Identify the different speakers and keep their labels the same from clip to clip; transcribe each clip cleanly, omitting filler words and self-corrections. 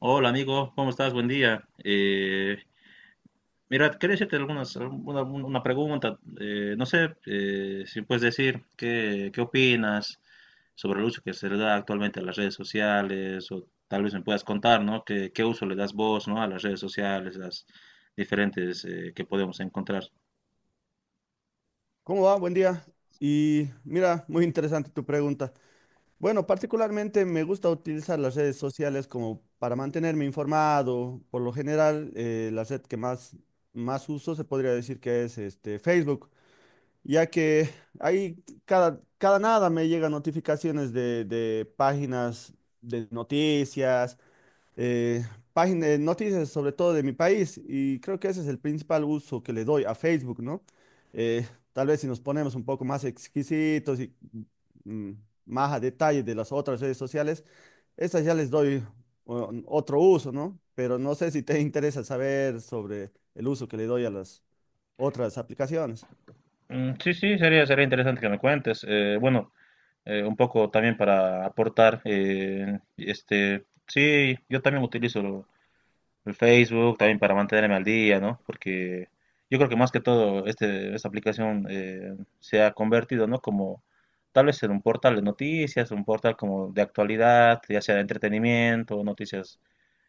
Speaker 1: Hola amigo, ¿cómo estás? Buen día. Mira, quería hacerte una pregunta. No sé si puedes decir qué opinas sobre el uso que se le da actualmente a las redes sociales, o tal vez me puedas contar, ¿no? Qué uso le das vos? ¿No? A las redes sociales, las diferentes que podemos encontrar.
Speaker 2: ¿Cómo va? Buen día. Y mira, muy interesante tu pregunta. Bueno, particularmente me gusta utilizar las redes sociales como para mantenerme informado. Por lo general, la red que más, más uso, se podría decir que es Facebook, ya que ahí cada nada me llegan notificaciones de páginas de noticias, eh, página de noticias sobre todo de mi país, y creo que ese es el principal uso que le doy a Facebook, ¿no? Eh, Tal vez si nos ponemos un poco más exquisitos y mm, más a detalle de las otras redes sociales, estas ya les doy otro uso, ¿no? Pero no sé si te interesa saber sobre el uso que le doy a las otras aplicaciones.
Speaker 1: Sí, sí, sería interesante que me cuentes. Bueno, un poco también para aportar, sí, yo también utilizo el Facebook también para mantenerme al día, ¿no? Porque yo creo que más que todo esta aplicación se ha convertido, ¿no? Como tal vez en un portal de noticias, un portal como de actualidad, ya sea de entretenimiento, noticias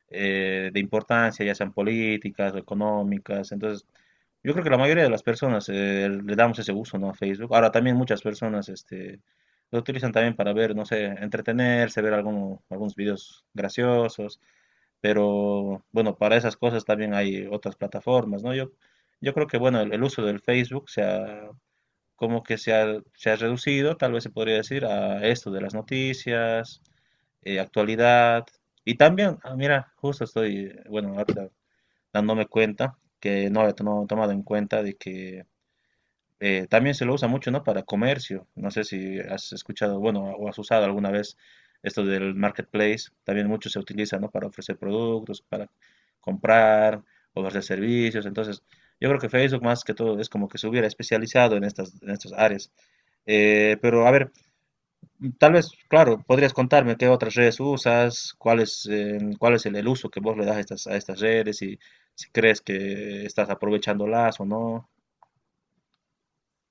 Speaker 1: de importancia, ya sean políticas o económicas. Entonces, yo creo que la mayoría de las personas le damos ese uso, ¿no? A Facebook. Ahora también muchas personas, lo utilizan también para ver, no sé, entretenerse, ver algunos videos graciosos. Pero bueno, para esas cosas también hay otras plataformas, ¿no? Yo creo que bueno, el uso del Facebook como que se ha, se ha reducido, tal vez se podría decir, a esto de las noticias, actualidad. Y también, ah, mira, justo estoy, bueno, ahorita dándome cuenta que no había tomado en cuenta de que también se lo usa mucho, ¿no? Para comercio. No sé si has escuchado, bueno, o has usado alguna vez esto del marketplace. También mucho se utiliza, ¿no? Para ofrecer productos, para comprar, ofrecer servicios. Entonces, yo creo que Facebook más que todo es como que se hubiera especializado en estas áreas. Pero a ver, tal vez, claro, podrías contarme qué otras redes usas, cuál es el uso que vos le das a estas redes, y si crees que estás aprovechándolas o no.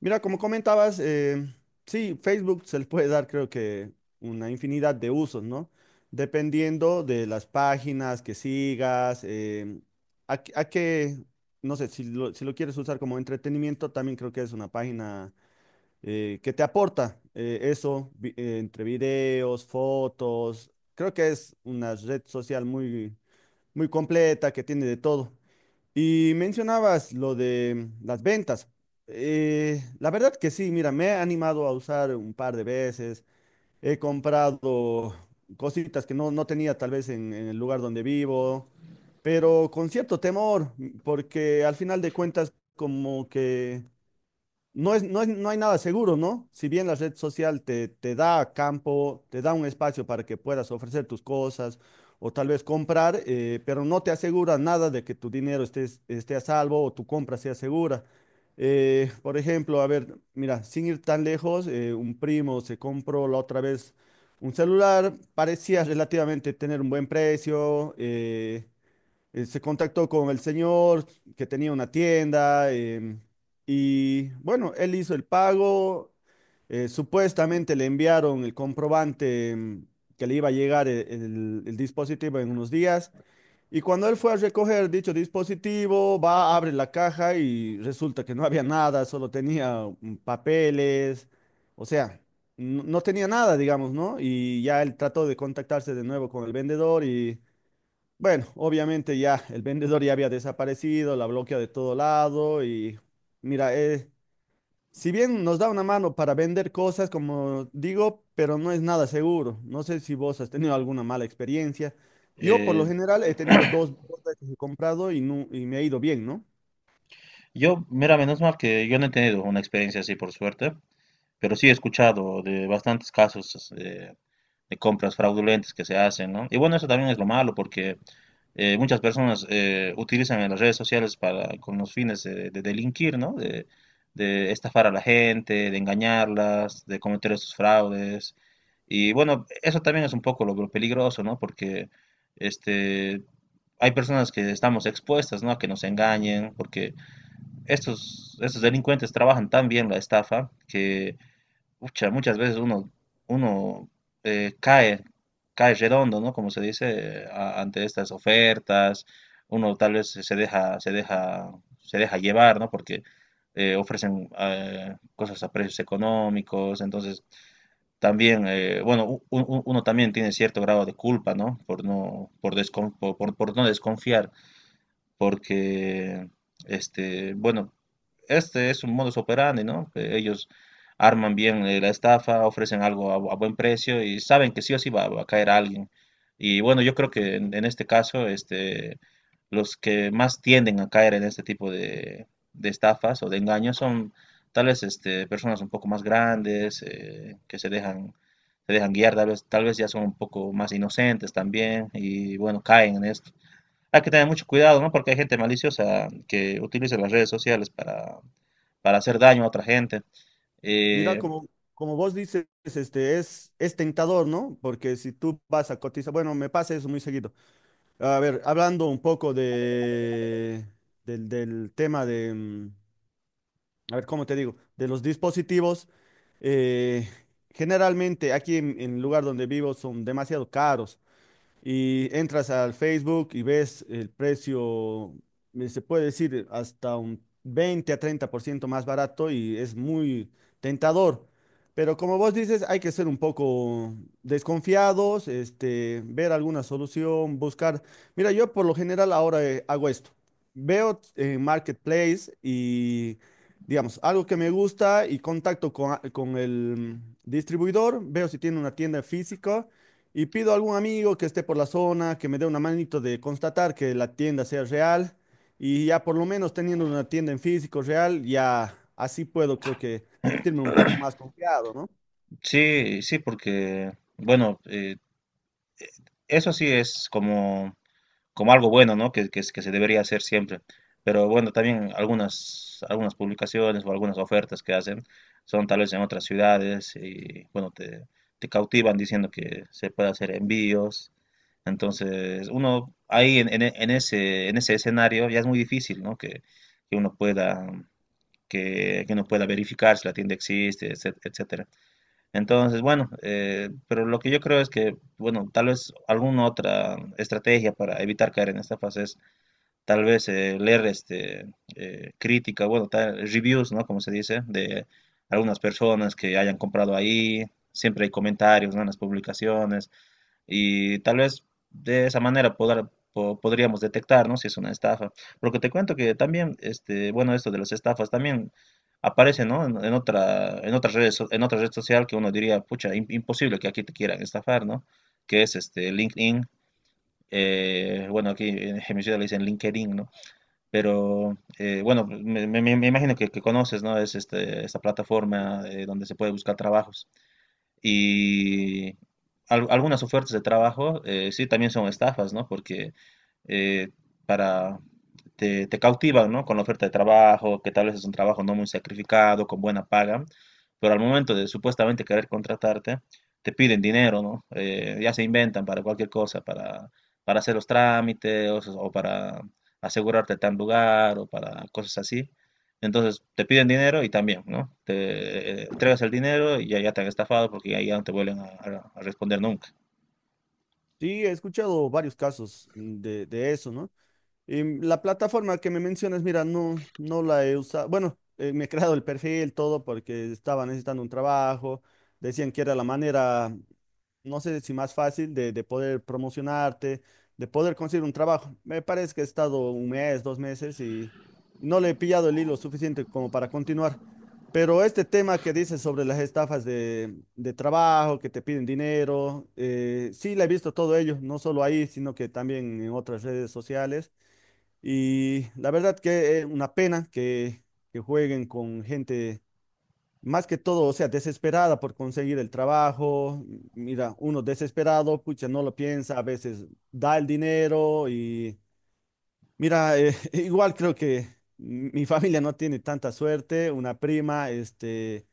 Speaker 2: Mira, como comentabas, sí, Facebook se le puede dar, creo que, una infinidad de usos, ¿no? Dependiendo de las páginas que sigas, a, qué, a qué- no sé, si lo quieres usar como entretenimiento, también creo que es una página que te aporta, entre videos, fotos. Creo que es una red social muy completa, que tiene de todo. Y mencionabas lo de las ventas. La verdad que sí, mira, me he animado a usar un par de veces. He comprado cositas que no tenía tal vez en el lugar donde vivo, pero con cierto temor, porque al final de cuentas, como que no hay nada seguro, ¿no? Si bien la red social te da campo, te da un espacio para que puedas ofrecer tus cosas o tal vez comprar, pero no te asegura nada de que tu dinero esté a salvo o tu compra sea segura. Por ejemplo, a ver, mira, sin ir tan lejos, un primo se compró la otra vez un celular. Parecía relativamente tener un buen precio. Se contactó con el señor que tenía una tienda, y bueno, él hizo el pago. Supuestamente le enviaron el comprobante, que le iba a llegar el dispositivo en unos días. Y cuando él fue a recoger dicho dispositivo, va, abre la caja y resulta que no había nada, solo tenía papeles. O sea, no tenía nada, digamos, ¿no? Y ya él trató de contactarse de nuevo con el vendedor y bueno, obviamente ya el vendedor ya había desaparecido, la bloquea de todo lado. Y mira, si bien nos da una mano para vender cosas, como digo, pero no es nada seguro. No sé si vos has tenido alguna mala experiencia. Yo, por lo
Speaker 1: Eh,
Speaker 2: general, he tenido dos veces he comprado y, y me ha ido bien, ¿no?
Speaker 1: Yo, mira, menos mal que yo no he tenido una experiencia así por suerte, pero sí he escuchado de bastantes casos de compras fraudulentas que se hacen, ¿no? Y bueno, eso también es lo malo porque muchas personas utilizan las redes sociales para, con los fines de delinquir, ¿no? De estafar a la gente, de engañarlas, de cometer esos fraudes. Y bueno, eso también es un poco lo peligroso, ¿no? Porque este, hay personas que estamos expuestas, ¿no? A que nos engañen, porque estos delincuentes trabajan tan bien la estafa que ucha, muchas veces uno eh, cae, cae redondo, ¿no? Como se dice, a- ante estas ofertas, uno tal vez se deja llevar, ¿no? Porque ofrecen cosas a precios económicos, entonces también, bueno, uno también tiene cierto grado de culpa, ¿no? Por no, por no desconfiar, porque, bueno, este es un modus operandi, ¿no? Que ellos arman bien la estafa, ofrecen algo a buen precio y saben que sí o sí va a caer alguien. Y bueno, yo creo que en este caso, los que más tienden a caer en este tipo de estafas o de engaños son tal vez personas un poco más grandes, que se dejan guiar, tal vez ya son un poco más inocentes también y bueno, caen en esto. Hay que tener mucho cuidado, ¿no? Porque hay gente maliciosa que utiliza las redes sociales para hacer daño a otra gente.
Speaker 2: Mira,
Speaker 1: Eh,
Speaker 2: como vos dices, este, es tentador, ¿no? Porque si tú vas a cotizar, bueno, me pasa eso muy seguido. A ver, hablando un poco del tema de a ver, ¿cómo te digo? De los dispositivos, eh, generalmente aquí en el lugar donde vivo son demasiado caros, y entras al Facebook y ves el precio. Se puede decir hasta un 20 a 30% más barato, y es muy tentador. Pero como vos dices, hay que ser un poco desconfiados, este, ver alguna solución, buscar. Mira, yo por lo general ahora hago esto. Veo en Marketplace y, digamos, algo que me gusta y contacto con el distribuidor. Veo si tiene una tienda física y pido a algún amigo que esté por la zona, que me dé una manito de constatar que la tienda sea real. Y ya, por lo menos teniendo una tienda en físico real, ya así puedo, creo que, sentirme un poco más confiado, ¿no?
Speaker 1: sí, sí, porque, bueno, eso sí es como, como algo bueno, ¿no? Que se debería hacer siempre. Pero bueno, también algunas publicaciones o algunas ofertas que hacen son tal vez en otras ciudades y, bueno, te cautivan diciendo que se puede hacer envíos. Entonces, uno ahí en ese escenario ya es muy difícil, ¿no? Que uno pueda, que uno pueda verificar si la tienda existe, etcétera. Entonces, bueno, pero lo que yo creo es que, bueno, tal vez alguna otra estrategia para evitar caer en estafas es tal vez leer bueno, reviews, ¿no? Como se dice, de algunas personas que hayan comprado ahí. Siempre hay comentarios, ¿no? En las publicaciones. Y tal vez de esa manera podríamos detectar, ¿no? Si es una estafa. Porque te cuento que también, bueno, esto de las estafas también aparece, ¿no? En otra, en otras redes, en otra red social que uno diría, pucha, imposible que aquí te quieran estafar, ¿no? Que es este LinkedIn. Bueno, aquí en mi ciudad le dicen LinkedIn, ¿no? Pero bueno, me imagino que conoces, ¿no? Es este, esta plataforma donde se puede buscar trabajos. Y algunas ofertas de trabajo sí también son estafas, ¿no? Porque eh, para, te, te cautivan, ¿no? Con la oferta de trabajo, que tal vez es un trabajo no muy sacrificado, con buena paga, pero al momento de supuestamente querer contratarte, te piden dinero, ¿no? Ya se inventan para cualquier cosa, para hacer los trámites o para asegurarte tal lugar o para cosas así. Entonces te piden dinero y también, ¿no? Te entregas el dinero y ya, ya te han estafado porque ya, ya no te vuelven a, a responder nunca.
Speaker 2: Sí, he escuchado varios casos, de eso, ¿no? Y la plataforma que me mencionas, mira, no la he usado. Bueno, me he creado el perfil, todo, porque estaba necesitando un trabajo. Decían que era la manera, no sé, si más fácil de poder promocionarte, de poder conseguir un trabajo. Me parece que he estado un mes, dos meses y no le he pillado el hilo suficiente como para continuar. Pero este tema que dices sobre las estafas de trabajo, que te piden dinero, sí, la he visto todo ello, no solo ahí, sino que también en otras redes sociales. Y la verdad que es una pena que jueguen con gente, más que todo, o sea, desesperada por conseguir el trabajo. Mira, uno desesperado, pucha, no lo piensa, a veces da el dinero. Y mira, igual creo que mi familia no tiene tanta suerte. Una prima, este,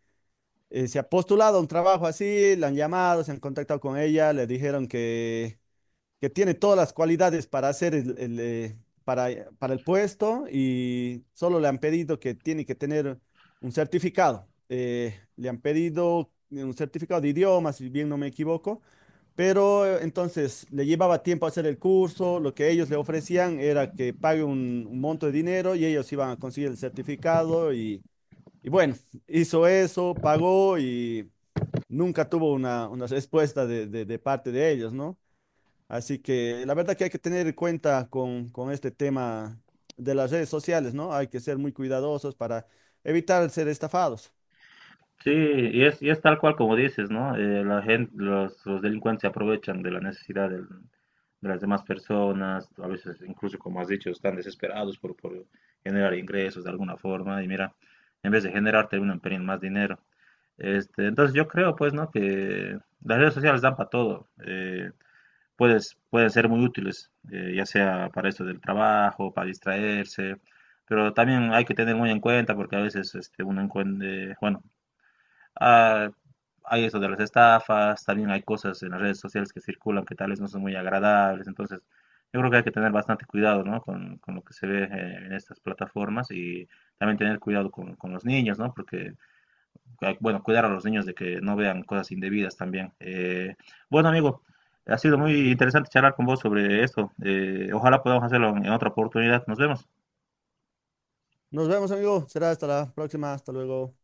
Speaker 2: se ha postulado a un trabajo así, la han llamado, se han contactado con ella, le dijeron que tiene todas las cualidades para hacer para, para el puesto, y solo le han pedido que tiene que tener un certificado. Le han pedido un certificado de idiomas, si bien no me equivoco. Pero entonces le llevaba tiempo hacer el curso. Lo que ellos le ofrecían era que pague un monto de dinero y ellos iban a conseguir el certificado. Y, y bueno, hizo eso, pagó y nunca tuvo una respuesta de parte de ellos, ¿no? Así que la verdad que hay que tener en cuenta con este tema de las redes sociales, ¿no? Hay que ser muy cuidadosos para evitar ser estafados.
Speaker 1: Sí, y es tal cual como dices, ¿no? La gente, los delincuentes se aprovechan de la necesidad del, de las demás personas, a veces incluso como has dicho, están desesperados por generar ingresos de alguna forma y mira, en vez de generar terminan perdiendo más dinero. Entonces yo creo pues, ¿no? Que las redes sociales dan para todo. Puedes, pueden ser muy útiles, ya sea para esto del trabajo, para distraerse, pero también hay que tener muy en cuenta porque a veces uno encuentra, bueno, ah, hay eso de las estafas, también hay cosas en las redes sociales que circulan que tal vez no son muy agradables, entonces yo creo que hay que tener bastante cuidado, ¿no? Con lo que se ve en estas plataformas, y también tener cuidado con los niños, ¿no? Porque, bueno, cuidar a los niños de que no vean cosas indebidas también. Bueno, amigo, ha sido muy interesante charlar con vos sobre esto. Ojalá podamos hacerlo en otra oportunidad. Nos vemos.
Speaker 2: Nos vemos, amigo. Será hasta la próxima. Hasta luego.